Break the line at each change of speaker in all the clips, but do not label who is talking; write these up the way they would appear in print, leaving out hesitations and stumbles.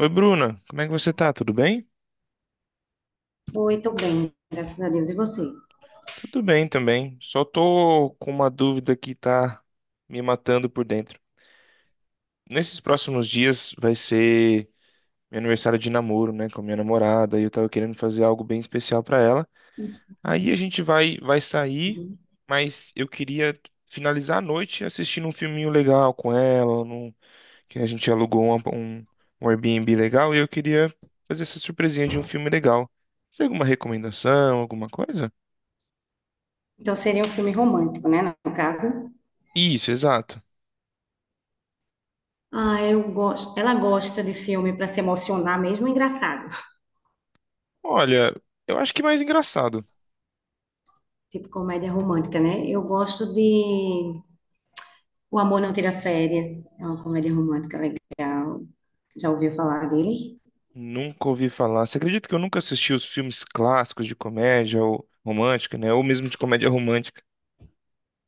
Oi, Bruna, como é que você tá? Tudo bem?
Oi, tô bem, graças a Deus. E você?
Tudo bem também. Só tô com uma dúvida que tá me matando por dentro. Nesses próximos dias vai ser meu aniversário de namoro, né, com a minha namorada, e eu tava querendo fazer algo bem especial pra ela. Aí a gente vai sair,
Uhum.
mas eu queria finalizar a noite assistindo um filminho legal com ela, que a gente alugou um Airbnb legal, e eu queria fazer essa surpresinha de um filme legal. Você tem alguma recomendação, alguma coisa?
Então seria um filme romântico, né, no caso?
Isso, exato.
Ah, eu gosto. Ela gosta de filme para se emocionar mesmo, é engraçado.
Olha, eu acho que mais engraçado.
Tipo comédia romântica, né? Eu gosto de O Amor Não Tira Férias. É uma comédia romântica legal. Já ouviu falar dele?
Nunca ouvi falar. Você acredita que eu nunca assisti os filmes clássicos de comédia ou romântica, né? Ou mesmo de comédia romântica.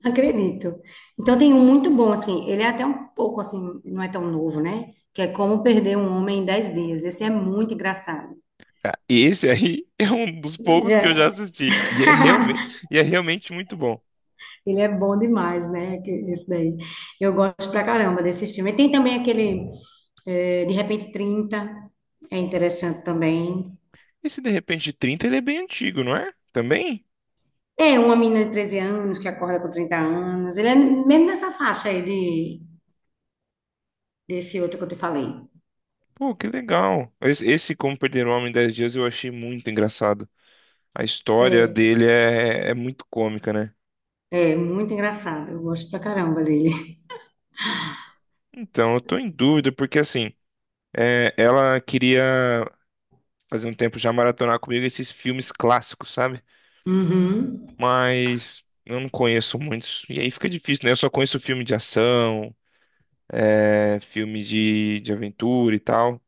Acredito. Então tem um muito bom, assim. Ele é até um pouco, assim, não é tão novo, né? Que é Como Perder um Homem em 10 Dias. Esse é muito engraçado.
Ah, esse aí é um dos poucos que eu já
Já.
assisti. E é realmente muito bom.
Ele é bom demais, né? Esse daí. Eu gosto pra caramba desse filme. E tem também aquele De Repente 30, é interessante também.
Esse De Repente de 30, ele é bem antigo, não é? Também?
É uma menina de 13 anos que acorda com 30 anos. Ele é mesmo nessa faixa aí de, desse outro que eu te falei.
Pô, que legal. Esse Como Perder um Homem em 10 Dias eu achei muito engraçado. A história
É,
dele é muito cômica, né?
é muito engraçado. Eu gosto pra caramba dele.
Então, eu tô em dúvida, porque assim, ela queria fazia um tempo já maratonar comigo esses filmes clássicos, sabe?
Uhum,
Mas eu não conheço muitos. E aí fica difícil, né? Eu só conheço filme de ação, filme de aventura e tal.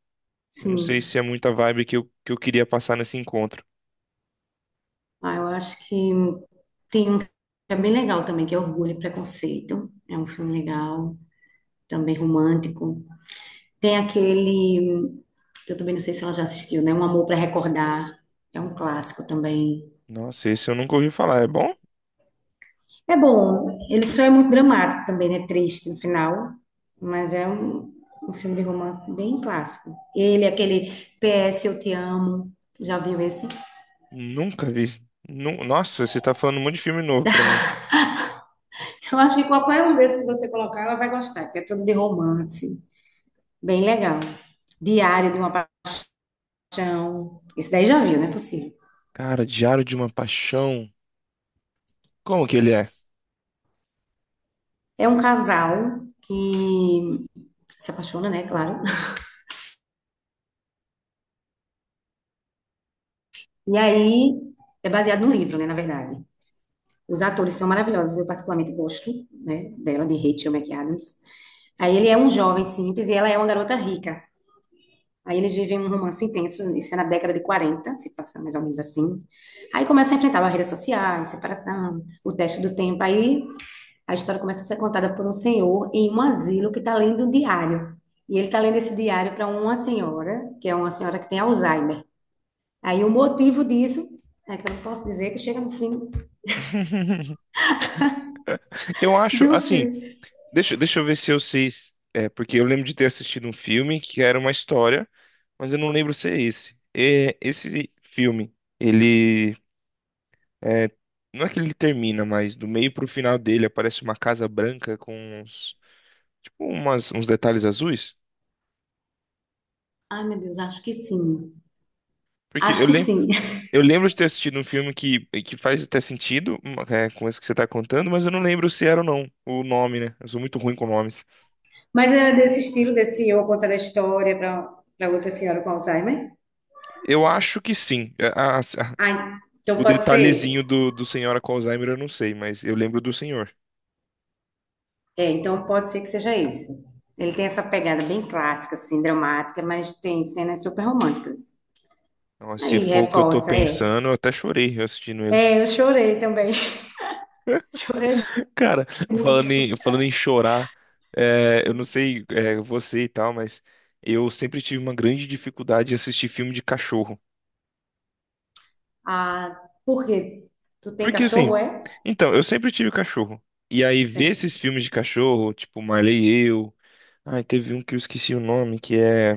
Eu não sei
sim.
se é muita vibe que eu queria passar nesse encontro.
Ah, eu acho que tem um que é bem legal também, que é Orgulho e Preconceito. É um filme legal, também romântico. Tem aquele, que eu também não sei se ela já assistiu, né? Um Amor para Recordar. É um clássico também.
Nossa, esse eu nunca ouvi falar. É bom?
É bom. Ele só é muito dramático também, né? Triste no final. Mas é um filme de romance bem clássico. Ele, aquele PS Eu Te Amo. Já viu esse?
Nunca vi. Nossa, você tá falando um monte de filme novo pra mim.
Eu acho que qualquer um desses que você colocar, ela vai gostar, porque é tudo de romance. Bem legal. Diário de uma Paixão. Esse daí já viu, não é possível.
Cara, Diário de uma Paixão. Como que ele é?
É um casal que se apaixona, né? Claro. E aí é baseado no livro, né, na verdade. Os atores são maravilhosos, eu particularmente gosto, né, dela, de Rachel McAdams. Aí ele é um jovem simples e ela é uma garota rica. Aí eles vivem um romance intenso, isso é na década de 40, se passa mais ou menos assim. Aí começam a enfrentar barreiras sociais, separação, o teste do tempo. Aí a história começa a ser contada por um senhor em um asilo que está lendo um diário. E ele está lendo esse diário para uma senhora, que é uma senhora que tem Alzheimer. Aí o motivo disso é que eu não posso dizer que chega no fim,
Eu acho,
do
assim,
filme.
deixa eu ver se eu sei. É, porque eu lembro de ter assistido um filme que era uma história. Mas eu não lembro se é esse. É, esse filme, ele é, não é que ele termina, mas do meio pro final dele aparece uma casa branca com uns, tipo umas, uns detalhes azuis.
Ai, meu Deus, acho que sim.
Porque
Acho que sim.
eu lembro de ter assistido um filme que faz até sentido, com isso que você tá contando, mas eu não lembro se era ou não o nome, né? Eu sou muito ruim com nomes.
Mas era desse estilo, desse eu contando a história para outra senhora com Alzheimer?
Eu acho que sim.
Ah, então
O
pode ser esse.
detalhezinho do Senhora com Alzheimer eu não sei, mas eu lembro do senhor.
É, então pode ser que seja esse. Ele tem essa pegada bem clássica, assim, dramática, mas tem cenas super românticas.
Nossa, se
Aí
for o que eu tô
reforça, é.
pensando, eu até chorei assistindo ele.
É, eu chorei também. Chorei
Cara,
muito.
falando em chorar, eu não sei, você e tal, mas eu sempre tive uma grande dificuldade de assistir filme de cachorro.
Ah, por quê? Tu tem
Porque
cachorro,
assim,
é?
então, eu sempre tive cachorro. E aí ver
Certo.
esses filmes de cachorro, tipo Marley e Eu. Ai, teve um que eu esqueci o nome, que é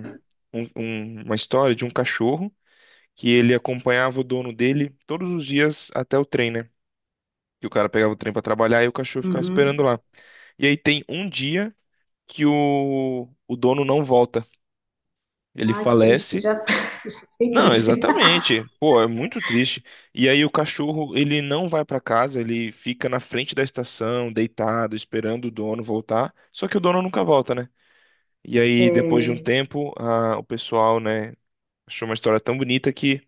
uma história de um cachorro que ele acompanhava o dono dele todos os dias até o trem, né? Que o cara pegava o trem pra trabalhar e o cachorro ficava esperando
Uhum.
lá. E aí tem um dia o dono não volta. Ele
Ai, que triste.
falece.
Já, já fiquei
Não,
triste.
exatamente. Pô, é muito triste. E aí o cachorro, ele não vai pra casa, ele fica na frente da estação, deitado, esperando o dono voltar. Só que o dono nunca volta, né? E aí, depois de um
É.
tempo, o pessoal, né, achou uma história tão bonita que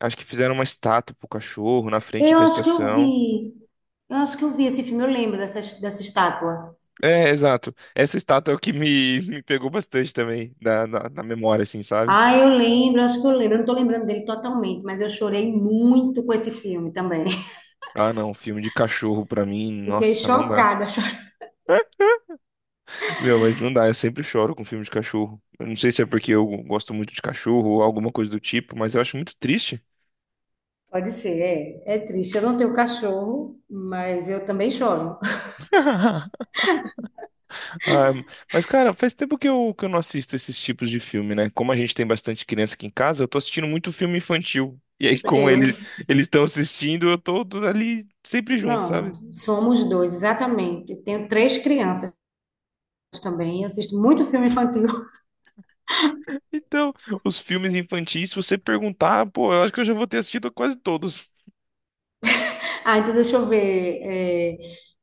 acho que fizeram uma estátua pro cachorro na frente
Eu
da
acho que eu
estação.
vi. Eu acho que eu vi esse filme, eu lembro dessa estátua.
É, exato. Essa estátua é o que me, me pegou bastante também, na memória, assim, sabe?
Ah, eu lembro, acho que eu lembro. Eu não tô lembrando dele totalmente, mas eu chorei muito com esse filme também.
Ah, não, filme de cachorro pra mim,
Fiquei
nossa, não dá.
chocada. Chorei.
Meu, mas não dá, eu sempre choro com filme de cachorro. Eu não sei se é porque eu gosto muito de cachorro ou alguma coisa do tipo, mas eu acho muito triste.
Pode ser, é, é triste. Eu não tenho cachorro, mas eu também choro.
Ah, mas, cara, faz tempo que eu não assisto esses tipos de filme, né? Como a gente tem bastante criança aqui em casa, eu tô assistindo muito filme infantil. E aí, como
Eu,
ele, eles estão assistindo, eu tô ali sempre junto,
não,
sabe?
somos dois, exatamente. Tenho três crianças também. Eu assisto muito filme infantil.
Então, os filmes infantis, se você perguntar, pô, eu acho que eu já vou ter assistido quase todos.
Ah, então deixa eu ver.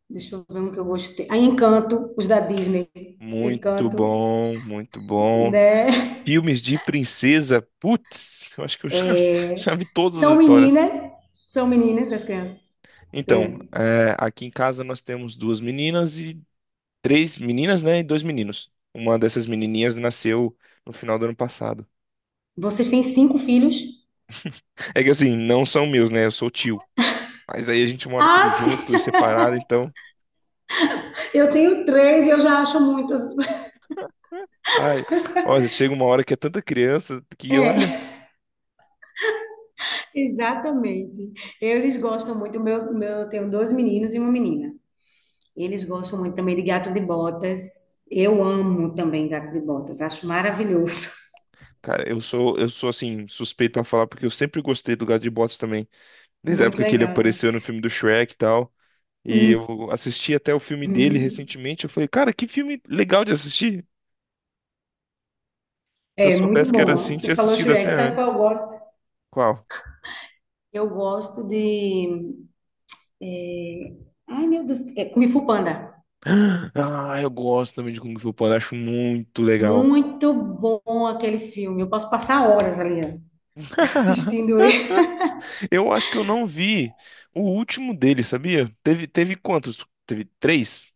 Deixa eu ver um que eu gostei. Ah, Encanto, os da Disney.
Muito
Encanto,
bom, muito bom.
né?
Filmes de princesa, putz, eu acho que eu já, já
É,
vi todas as
são
histórias.
meninas, são meninas as crianças.
Então,
Tem-
é, aqui em casa nós temos duas meninas e três meninas, né, e dois meninos. Uma dessas menininhas nasceu no final do ano passado.
Vocês têm cinco filhos?
É que assim, não são meus, né, eu sou tio. Mas aí a gente mora
Ah,
tudo junto e
sim,
separado, então,
eu tenho três e eu já acho muitas.
ai, olha, chega uma hora que é tanta criança que, olha,
É, exatamente. Eles gostam muito. Meu, eu tenho dois meninos e uma menina. Eles gostam muito também de gato de botas. Eu amo também gato de botas. Acho maravilhoso.
cara, eu sou assim, suspeito a falar porque eu sempre gostei do gato de botas também. Desde a
Muito
época que ele
legal, né?
apareceu no filme do Shrek e tal. E eu assisti até o filme dele
Uhum.
recentemente. Eu falei, cara, que filme legal de assistir. Se eu
É muito
soubesse que era assim,
bom. Tu
tinha
falou
assistido até
Shrek, sabe qual eu
antes.
gosto?
Qual?
Eu gosto de É, Ai, meu Deus, é Kung Fu Panda.
Ah, eu gosto também de Kung Fu Panda, acho muito legal.
Muito bom aquele filme. Eu posso passar horas ali ó, assistindo ele.
Eu acho que eu não vi o último dele, sabia? Teve, teve quantos? Teve três?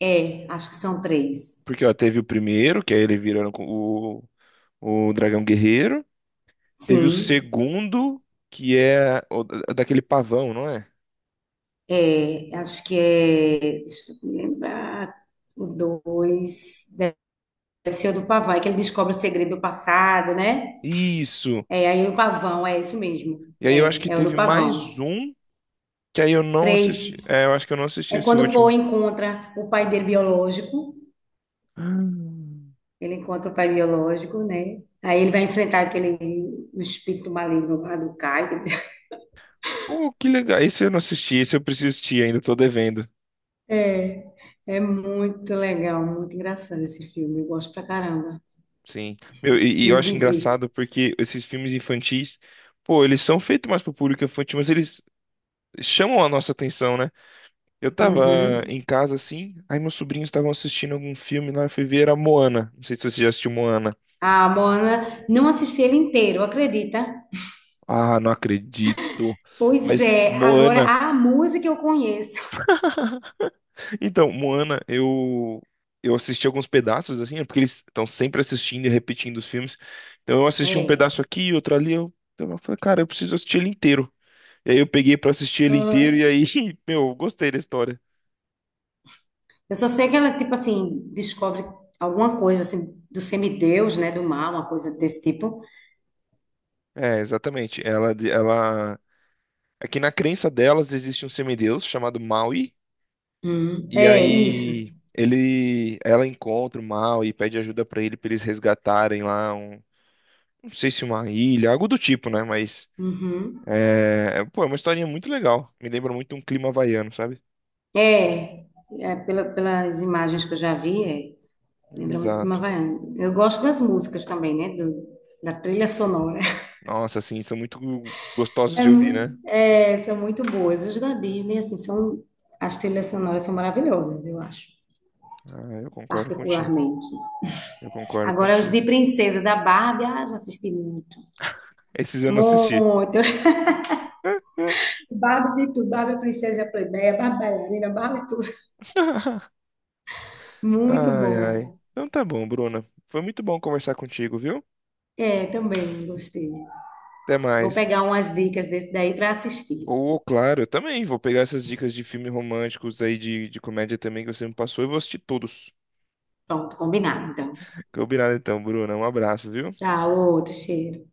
É, acho que são três.
Porque, ó, teve o primeiro, que aí ele virando o Dragão Guerreiro. Teve o
Sim,
segundo, que é o, daquele pavão, não é?
é, acho que é. Deixa eu me lembrar. O dois. Deve ser o do pavão, é que ele descobre o segredo do passado, né?
Isso.
É, aí o pavão, é isso mesmo.
E aí eu acho que
É, é o do
teve mais
pavão.
um que aí eu não assisti.
Três,
É, eu acho que eu não assisti
é
esse
quando o Po
último.
encontra o pai dele biológico.
Hum.
Ele encontra o pai biológico, né? Aí ele vai enfrentar aquele o espírito maligno lá do Caio.
Pô, que legal. Esse eu não assisti, esse eu preciso assistir, ainda tô devendo.
É, é muito legal, muito engraçado esse filme. Eu gosto pra caramba.
Sim. Meu, e
Me
eu acho
divirto.
engraçado porque esses filmes infantis, pô, eles são feitos mais pro público infantil, mas eles chamam a nossa atenção, né? Eu tava
Uhum.
em casa assim, aí meus sobrinhos estavam assistindo algum filme lá, eu fui ver, era Moana. Não sei se você já assistiu Moana.
A Moana, não assisti ele inteiro, acredita?
Ah, não acredito.
Pois
Mas
é, agora
Moana.
a música eu conheço.
Então, Moana, eu assisti alguns pedaços assim, é porque eles estão sempre assistindo e repetindo os filmes. Então eu assisti um pedaço
É.
aqui, outro ali, então eu falei, cara, eu preciso assistir ele inteiro. E aí eu peguei pra assistir ele inteiro
Aham.
e aí, meu, eu gostei da história.
Eu só sei que ela, tipo assim, descobre alguma coisa assim do semideus, né? Do mal, uma coisa desse tipo.
É, exatamente. Ela aqui na crença delas existe um semideus chamado Maui
Hum.
e
É, isso.
aí ele ela encontra o Maui e pede ajuda pra ele pra eles resgatarem lá um, não sei se uma ilha, algo do tipo, né, mas
Uhum.
é, pô, é uma historinha muito legal. Me lembra muito um clima havaiano, sabe?
É, é, pelas imagens que eu já vi, é, lembra muito Clima
Exato.
Havaiano. Eu gosto das músicas também, né, da trilha sonora.
Nossa, assim, são muito gostosos de ouvir, né?
São muito boas. Os da Disney, assim, são, as trilhas sonoras são maravilhosas, eu acho,
Ah, eu concordo contigo.
particularmente.
Eu concordo
Agora, os de
contigo.
Princesa da Barbie, ah, já assisti muito.
Esses eu não assisti.
Muito. Barbie de tudo, Barbie princesa plebeia, Barbie bailarina, Barbie tudo. Muito
Ai, ai.
bom.
Então tá bom, Bruna. Foi muito bom conversar contigo, viu?
É, também gostei.
Até
Vou
mais.
pegar umas dicas desse daí para assistir.
Ou, claro, eu também vou pegar essas dicas de filmes românticos aí, de comédia também que você me passou e vou assistir todos.
Pronto, combinado, então.
Combinado então, Bruna. Um abraço, viu?
Tchau, outro cheiro.